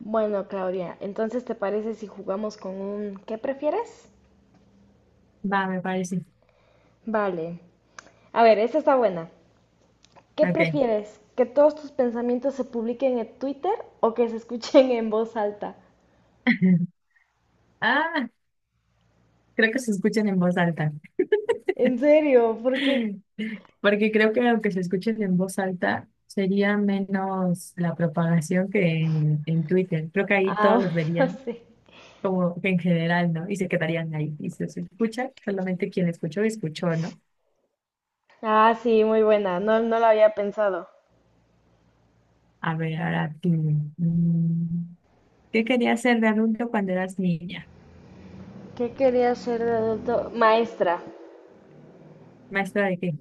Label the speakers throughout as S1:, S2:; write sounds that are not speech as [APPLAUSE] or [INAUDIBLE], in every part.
S1: Bueno, Claudia, entonces ¿te parece si jugamos con un ¿qué prefieres?
S2: Va, me parece.
S1: Vale. A ver, esta está buena. ¿Qué
S2: Ok.
S1: prefieres? ¿Que todos tus pensamientos se publiquen en Twitter o que se escuchen en voz alta?
S2: [LAUGHS] Ah, creo que se escuchen en voz alta.
S1: ¿En serio? ¿Por qué?
S2: [LAUGHS] Porque creo que aunque se escuchen en voz alta, sería menos la propagación que en Twitter. Creo que ahí todos
S1: Ah,
S2: los
S1: [LAUGHS] bueno,
S2: verían
S1: sí.
S2: como que en general, ¿no? Y se quedarían ahí. Y si se escucha, solamente quien escuchó, escuchó, ¿no?
S1: Ah, sí, muy buena. No, no lo había pensado.
S2: A ver, ahora tú. Mm, ¿qué querías ser de adulto cuando eras niña?
S1: ¿Qué quería ser de adulto? Maestra.
S2: ¿Maestra de qué?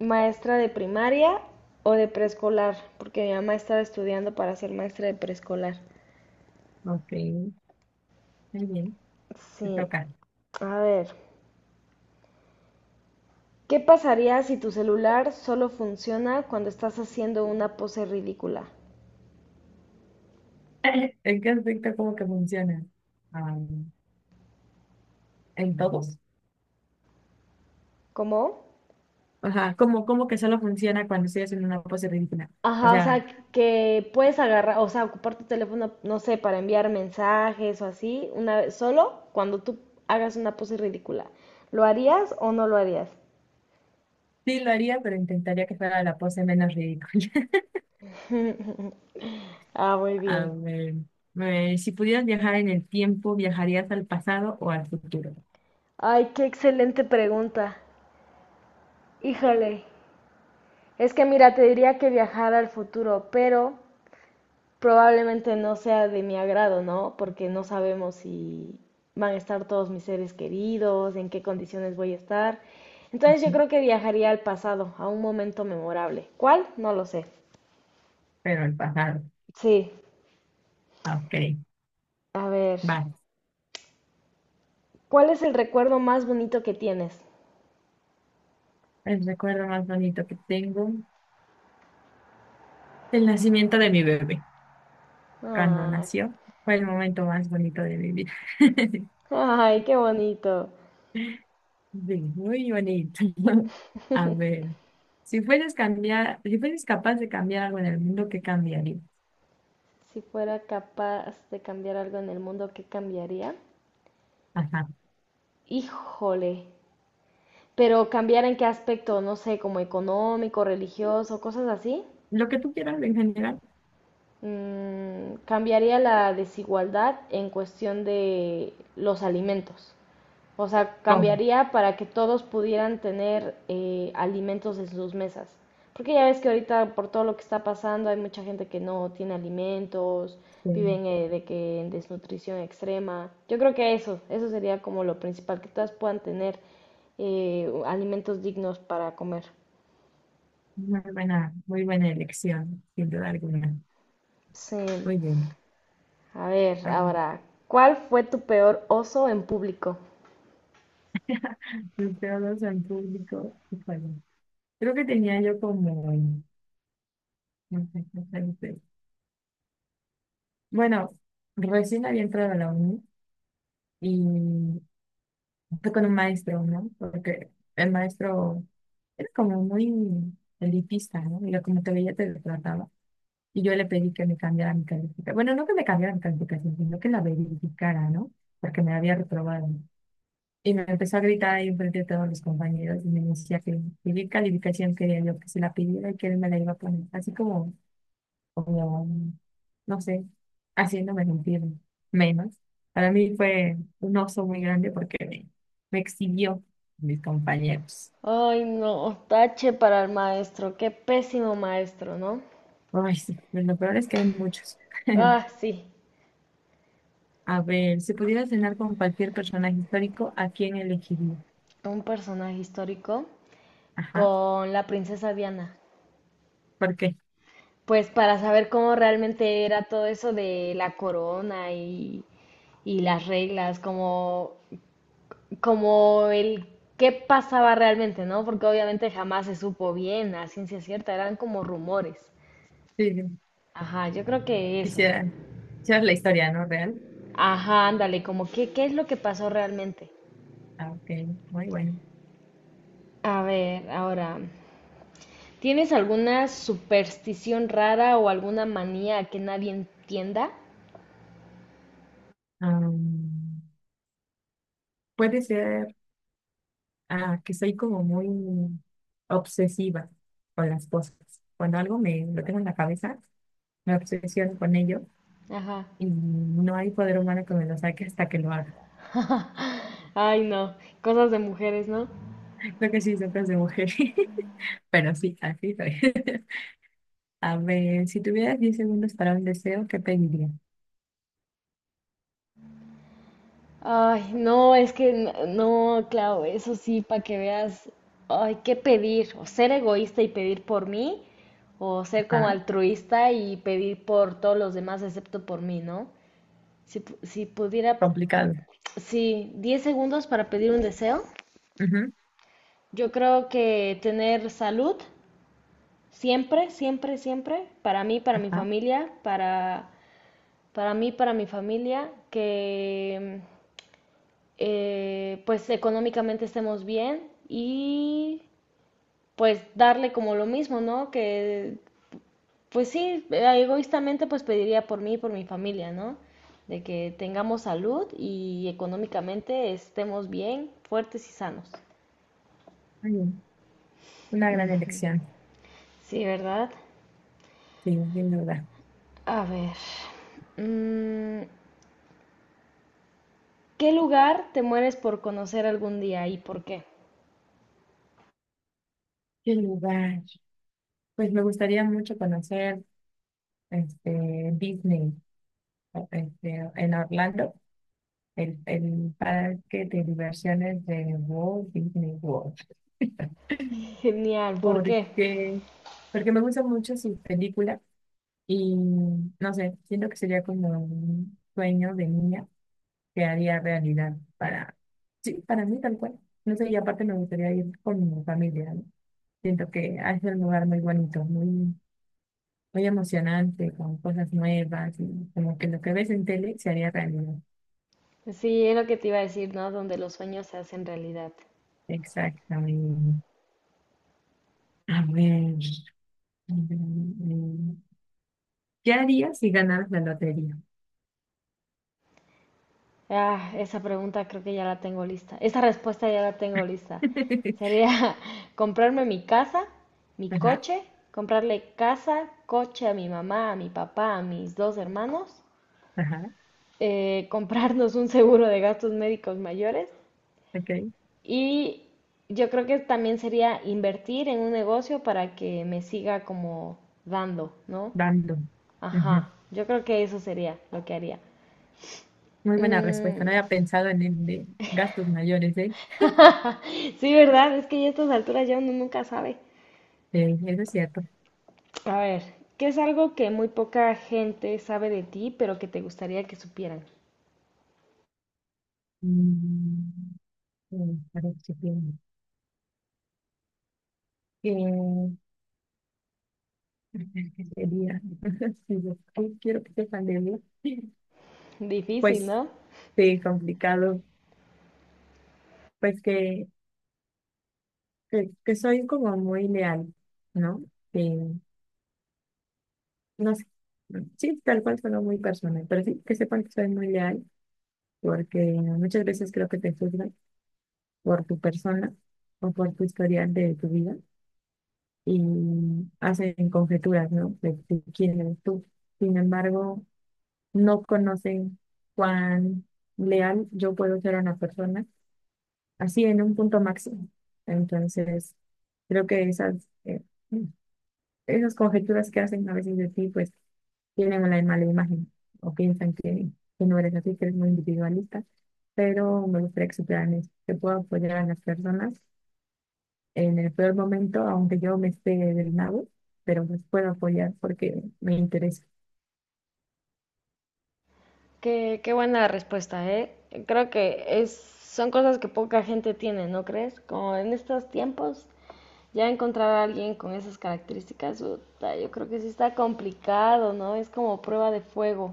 S1: Maestra de primaria o de preescolar, porque mi mamá estaba estudiando para ser maestra de preescolar.
S2: Ok, muy bien. Te
S1: Sí.
S2: toca.
S1: A ver. ¿Qué pasaría si tu celular solo funciona cuando estás haciendo una pose ridícula?
S2: [LAUGHS] ¿En qué aspecto como que funciona? Ah, en todos.
S1: ¿Cómo?
S2: Ajá, como que solo funciona cuando estoy haciendo una pose ridícula. O
S1: Ajá, o
S2: sea,
S1: sea, que puedes agarrar, o sea, ocupar tu teléfono, no sé, para enviar mensajes o así, una vez, solo cuando tú hagas una pose ridícula. ¿Lo harías o no lo harías?
S2: sí lo haría, pero intentaría que fuera la pose menos ridícula. [LAUGHS]
S1: Ah, muy
S2: A
S1: bien.
S2: ver, si pudieras viajar en el tiempo, ¿viajarías al pasado o al futuro?
S1: Ay, qué excelente pregunta. Híjole. Es que mira, te diría que viajar al futuro, pero probablemente no sea de mi agrado, ¿no? Porque no sabemos si van a estar todos mis seres queridos, en qué condiciones voy a estar. Entonces yo
S2: Ujú.
S1: creo que viajaría al pasado, a un momento memorable. ¿Cuál? No lo sé.
S2: Pero al pasado.
S1: Sí,
S2: Ah, ok,
S1: a ver,
S2: vale.
S1: ¿cuál es el recuerdo más bonito que tienes?
S2: El recuerdo más bonito que tengo, el nacimiento de mi bebé. Cuando
S1: Ay,
S2: nació, fue el momento más bonito de mi vida. [LAUGHS]
S1: ay, qué bonito.
S2: Sí, muy bonito. [LAUGHS] A ver, si fueras cambiar, si fueras capaz de cambiar algo en el mundo, ¿qué cambiaría?
S1: Si fuera capaz de cambiar algo en el mundo, ¿qué cambiaría?
S2: Ajá.
S1: Híjole. Pero cambiar en qué aspecto, no sé, como económico, religioso, cosas así.
S2: Lo que tú quieras en general.
S1: Cambiaría la desigualdad en cuestión de los alimentos. O sea,
S2: Prom.
S1: cambiaría para que todos pudieran tener alimentos en sus mesas. Porque ya ves que ahorita por todo lo que está pasando hay mucha gente que no tiene alimentos,
S2: Sí.
S1: viven de que en desnutrición extrema. Yo creo que eso sería como lo principal, que todas puedan tener alimentos dignos para comer.
S2: Muy buena elección, sin duda alguna.
S1: Sí.
S2: Muy bien.
S1: A ver,
S2: A ver.
S1: ahora, ¿cuál fue tu peor oso en público?
S2: [LAUGHS] Los teólogos en público. Híjole. Creo que tenía yo como, no sé, no sé, no sé. Bueno, recién había entrado a la uni y fue con un maestro, ¿no? Porque el maestro era como muy elitista, ¿no? Y lo- como te veía te trataba. Y yo le pedí que me cambiara mi calificación. Bueno, no que me cambiara mi calificación, sino que la verificara, ¿no? Porque me había reprobado. Y me empezó a gritar ahí enfrente de todos los compañeros y me decía que qué calificación quería yo que se la pidiera y que él me la iba a poner. Así como como, no sé, haciéndome sentir menos. Para mí fue un oso muy grande porque me exhibió mis compañeros.
S1: Ay, no, tache para el maestro, qué pésimo maestro, ¿no?
S2: Ay, sí, pero lo peor es que hay muchos. [LAUGHS]
S1: Ah, sí,
S2: A ver, si pudiera cenar con cualquier personaje histórico, ¿a quién elegiría?
S1: un personaje histórico
S2: Ajá,
S1: con la princesa Diana.
S2: ¿por qué?
S1: Pues para saber cómo realmente era todo eso de la corona y las reglas, como, como el qué pasaba realmente, ¿no? Porque obviamente jamás se supo bien, a ciencia cierta, eran como rumores.
S2: Sí, sí,
S1: Ajá, yo creo que eso.
S2: quisiera, quisiera la historia, ¿no? Real.
S1: Ajá, ándale, como que, ¿qué es lo que pasó realmente?
S2: Ah, ok, muy bueno.
S1: A ver, ahora, ¿tienes alguna superstición rara o alguna manía que nadie entienda?
S2: Am, puede ser Ah, que soy como muy obsesiva con las cosas. Cuando algo me lo tengo en la cabeza, me obsesiono con ello
S1: Ajá.
S2: y no hay poder humano que me lo saque hasta que lo haga.
S1: Ay, no, cosas de mujeres, ¿no?
S2: [LAUGHS] Creo que sí, son cosas de mujer. [LAUGHS] Pero sí, así soy. [LAUGHS] A ver, si tuvieras 10 segundos para un deseo, ¿qué pediría?
S1: Ay, no, es que no, claro, eso sí, para que veas, ay, ¿qué pedir? O ser egoísta y pedir por mí, o ser como
S2: Ajá,
S1: altruista y pedir por todos los demás excepto por mí, ¿no? Si, si pudiera,
S2: complicado.
S1: sí, 10 segundos para pedir un deseo.
S2: Ujú,
S1: Yo creo que tener salud siempre, siempre, siempre, para mí, para mi
S2: ajá,
S1: familia, para mí, para mi familia, que pues económicamente estemos bien y pues darle como lo mismo, ¿no? Que pues sí, egoístamente pues pediría por mí y por mi familia, ¿no? De que tengamos salud y económicamente estemos bien, fuertes y sanos.
S2: muy bien. Una gran
S1: Ujú.
S2: elección,
S1: Sí, ¿verdad?
S2: sí, sin duda.
S1: A ver, mm, ¿qué lugar te mueres por conocer algún día y por qué?
S2: ¿Qué lugar? Pues me gustaría mucho conocer este, Disney o- este, en Orlando. El parque de diversiones de Walt Disney World. [LAUGHS]
S1: Genial, ¿por qué?
S2: Porque, porque me gustan mucho sus películas y no sé, siento que sería como un sueño de niña que haría realidad para, sí, para mí tal cual. No sé, y aparte me gustaría ir con mi familia, ¿no? Siento que es un lugar muy bonito, muy, muy emocionante, con cosas nuevas y como que lo que ves en tele se haría realidad.
S1: Sí, es lo que te iba a decir, ¿no? Donde los sueños se hacen realidad.
S2: Exactamente. A ver. Mm, ¿qué harías si ganaras la lotería?
S1: Ah, esa pregunta creo que ya la tengo lista. Esa respuesta ya la tengo lista.
S2: [LAUGHS]
S1: Sería [LAUGHS] comprarme mi casa, mi
S2: Ajá,
S1: coche, comprarle casa, coche a mi mamá, a mi papá, a mis dos hermanos,
S2: ajá,
S1: [LAUGHS] comprarnos un seguro de gastos médicos mayores.
S2: ok,
S1: Y yo creo que también sería invertir en un negocio para que me siga como dando, ¿no?
S2: random. Ujú.
S1: Ajá, yo creo que eso sería lo que haría.
S2: Muy buena respuesta, no
S1: Mm,
S2: había pensado en el de gastos mayores, ¿eh?
S1: sí, ¿verdad? Es que ya a estas alturas ya uno nunca sabe.
S2: Sí, eso es cierto.
S1: A ver, ¿qué es algo que muy poca gente sabe de ti, pero que te gustaría que supieran?
S2: Mm, mm, a ver qué tiene. Eh, [LAUGHS] ¿qué sería? [LAUGHS] Sí, yo- ay, quiero que sepan de mí.
S1: Difícil,
S2: Pues
S1: ¿no?
S2: sí, complicado. Pues que soy como muy leal, ¿no? Eh, no sé. Sí, tal cual sonó muy personal, pero sí que sepan que soy muy leal, porque muchas veces creo que te juzgan por tu persona o por tu historial de tu vida y hacen conjeturas, ¿no? De quién eres tú. Sin embargo, no conocen cuán leal yo puedo ser a una persona, así en un punto máximo. Entonces, creo que esas, esas conjeturas que hacen a veces de ti, pues tienen una mala imagen o piensan que no eres así, que eres muy individualista, pero me gustaría que supieran eso, que puedo apoyar a las personas en el peor momento, aunque yo me esté del nabo, pero pues puedo apoyar porque me interesa.
S1: Qué, qué buena respuesta, ¿eh? Creo que es, son cosas que poca gente tiene, ¿no crees? Como en estos tiempos, ya encontrar a alguien con esas características, puta, yo creo que sí está complicado, ¿no? Es como prueba de fuego.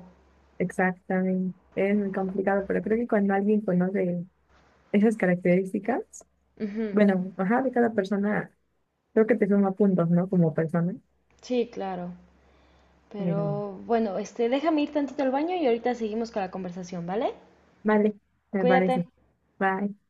S2: Exactamente, es muy complicado, pero creo que cuando alguien conoce esas características,
S1: Ujú.
S2: bueno, ajá, de cada persona, creo que te suma puntos, ¿no? Como persona,
S1: Sí, claro.
S2: pero
S1: Pero bueno, este, déjame ir tantito al baño y ahorita seguimos con la conversación, ¿vale?
S2: vale, me
S1: Cuídate.
S2: parece. Bye.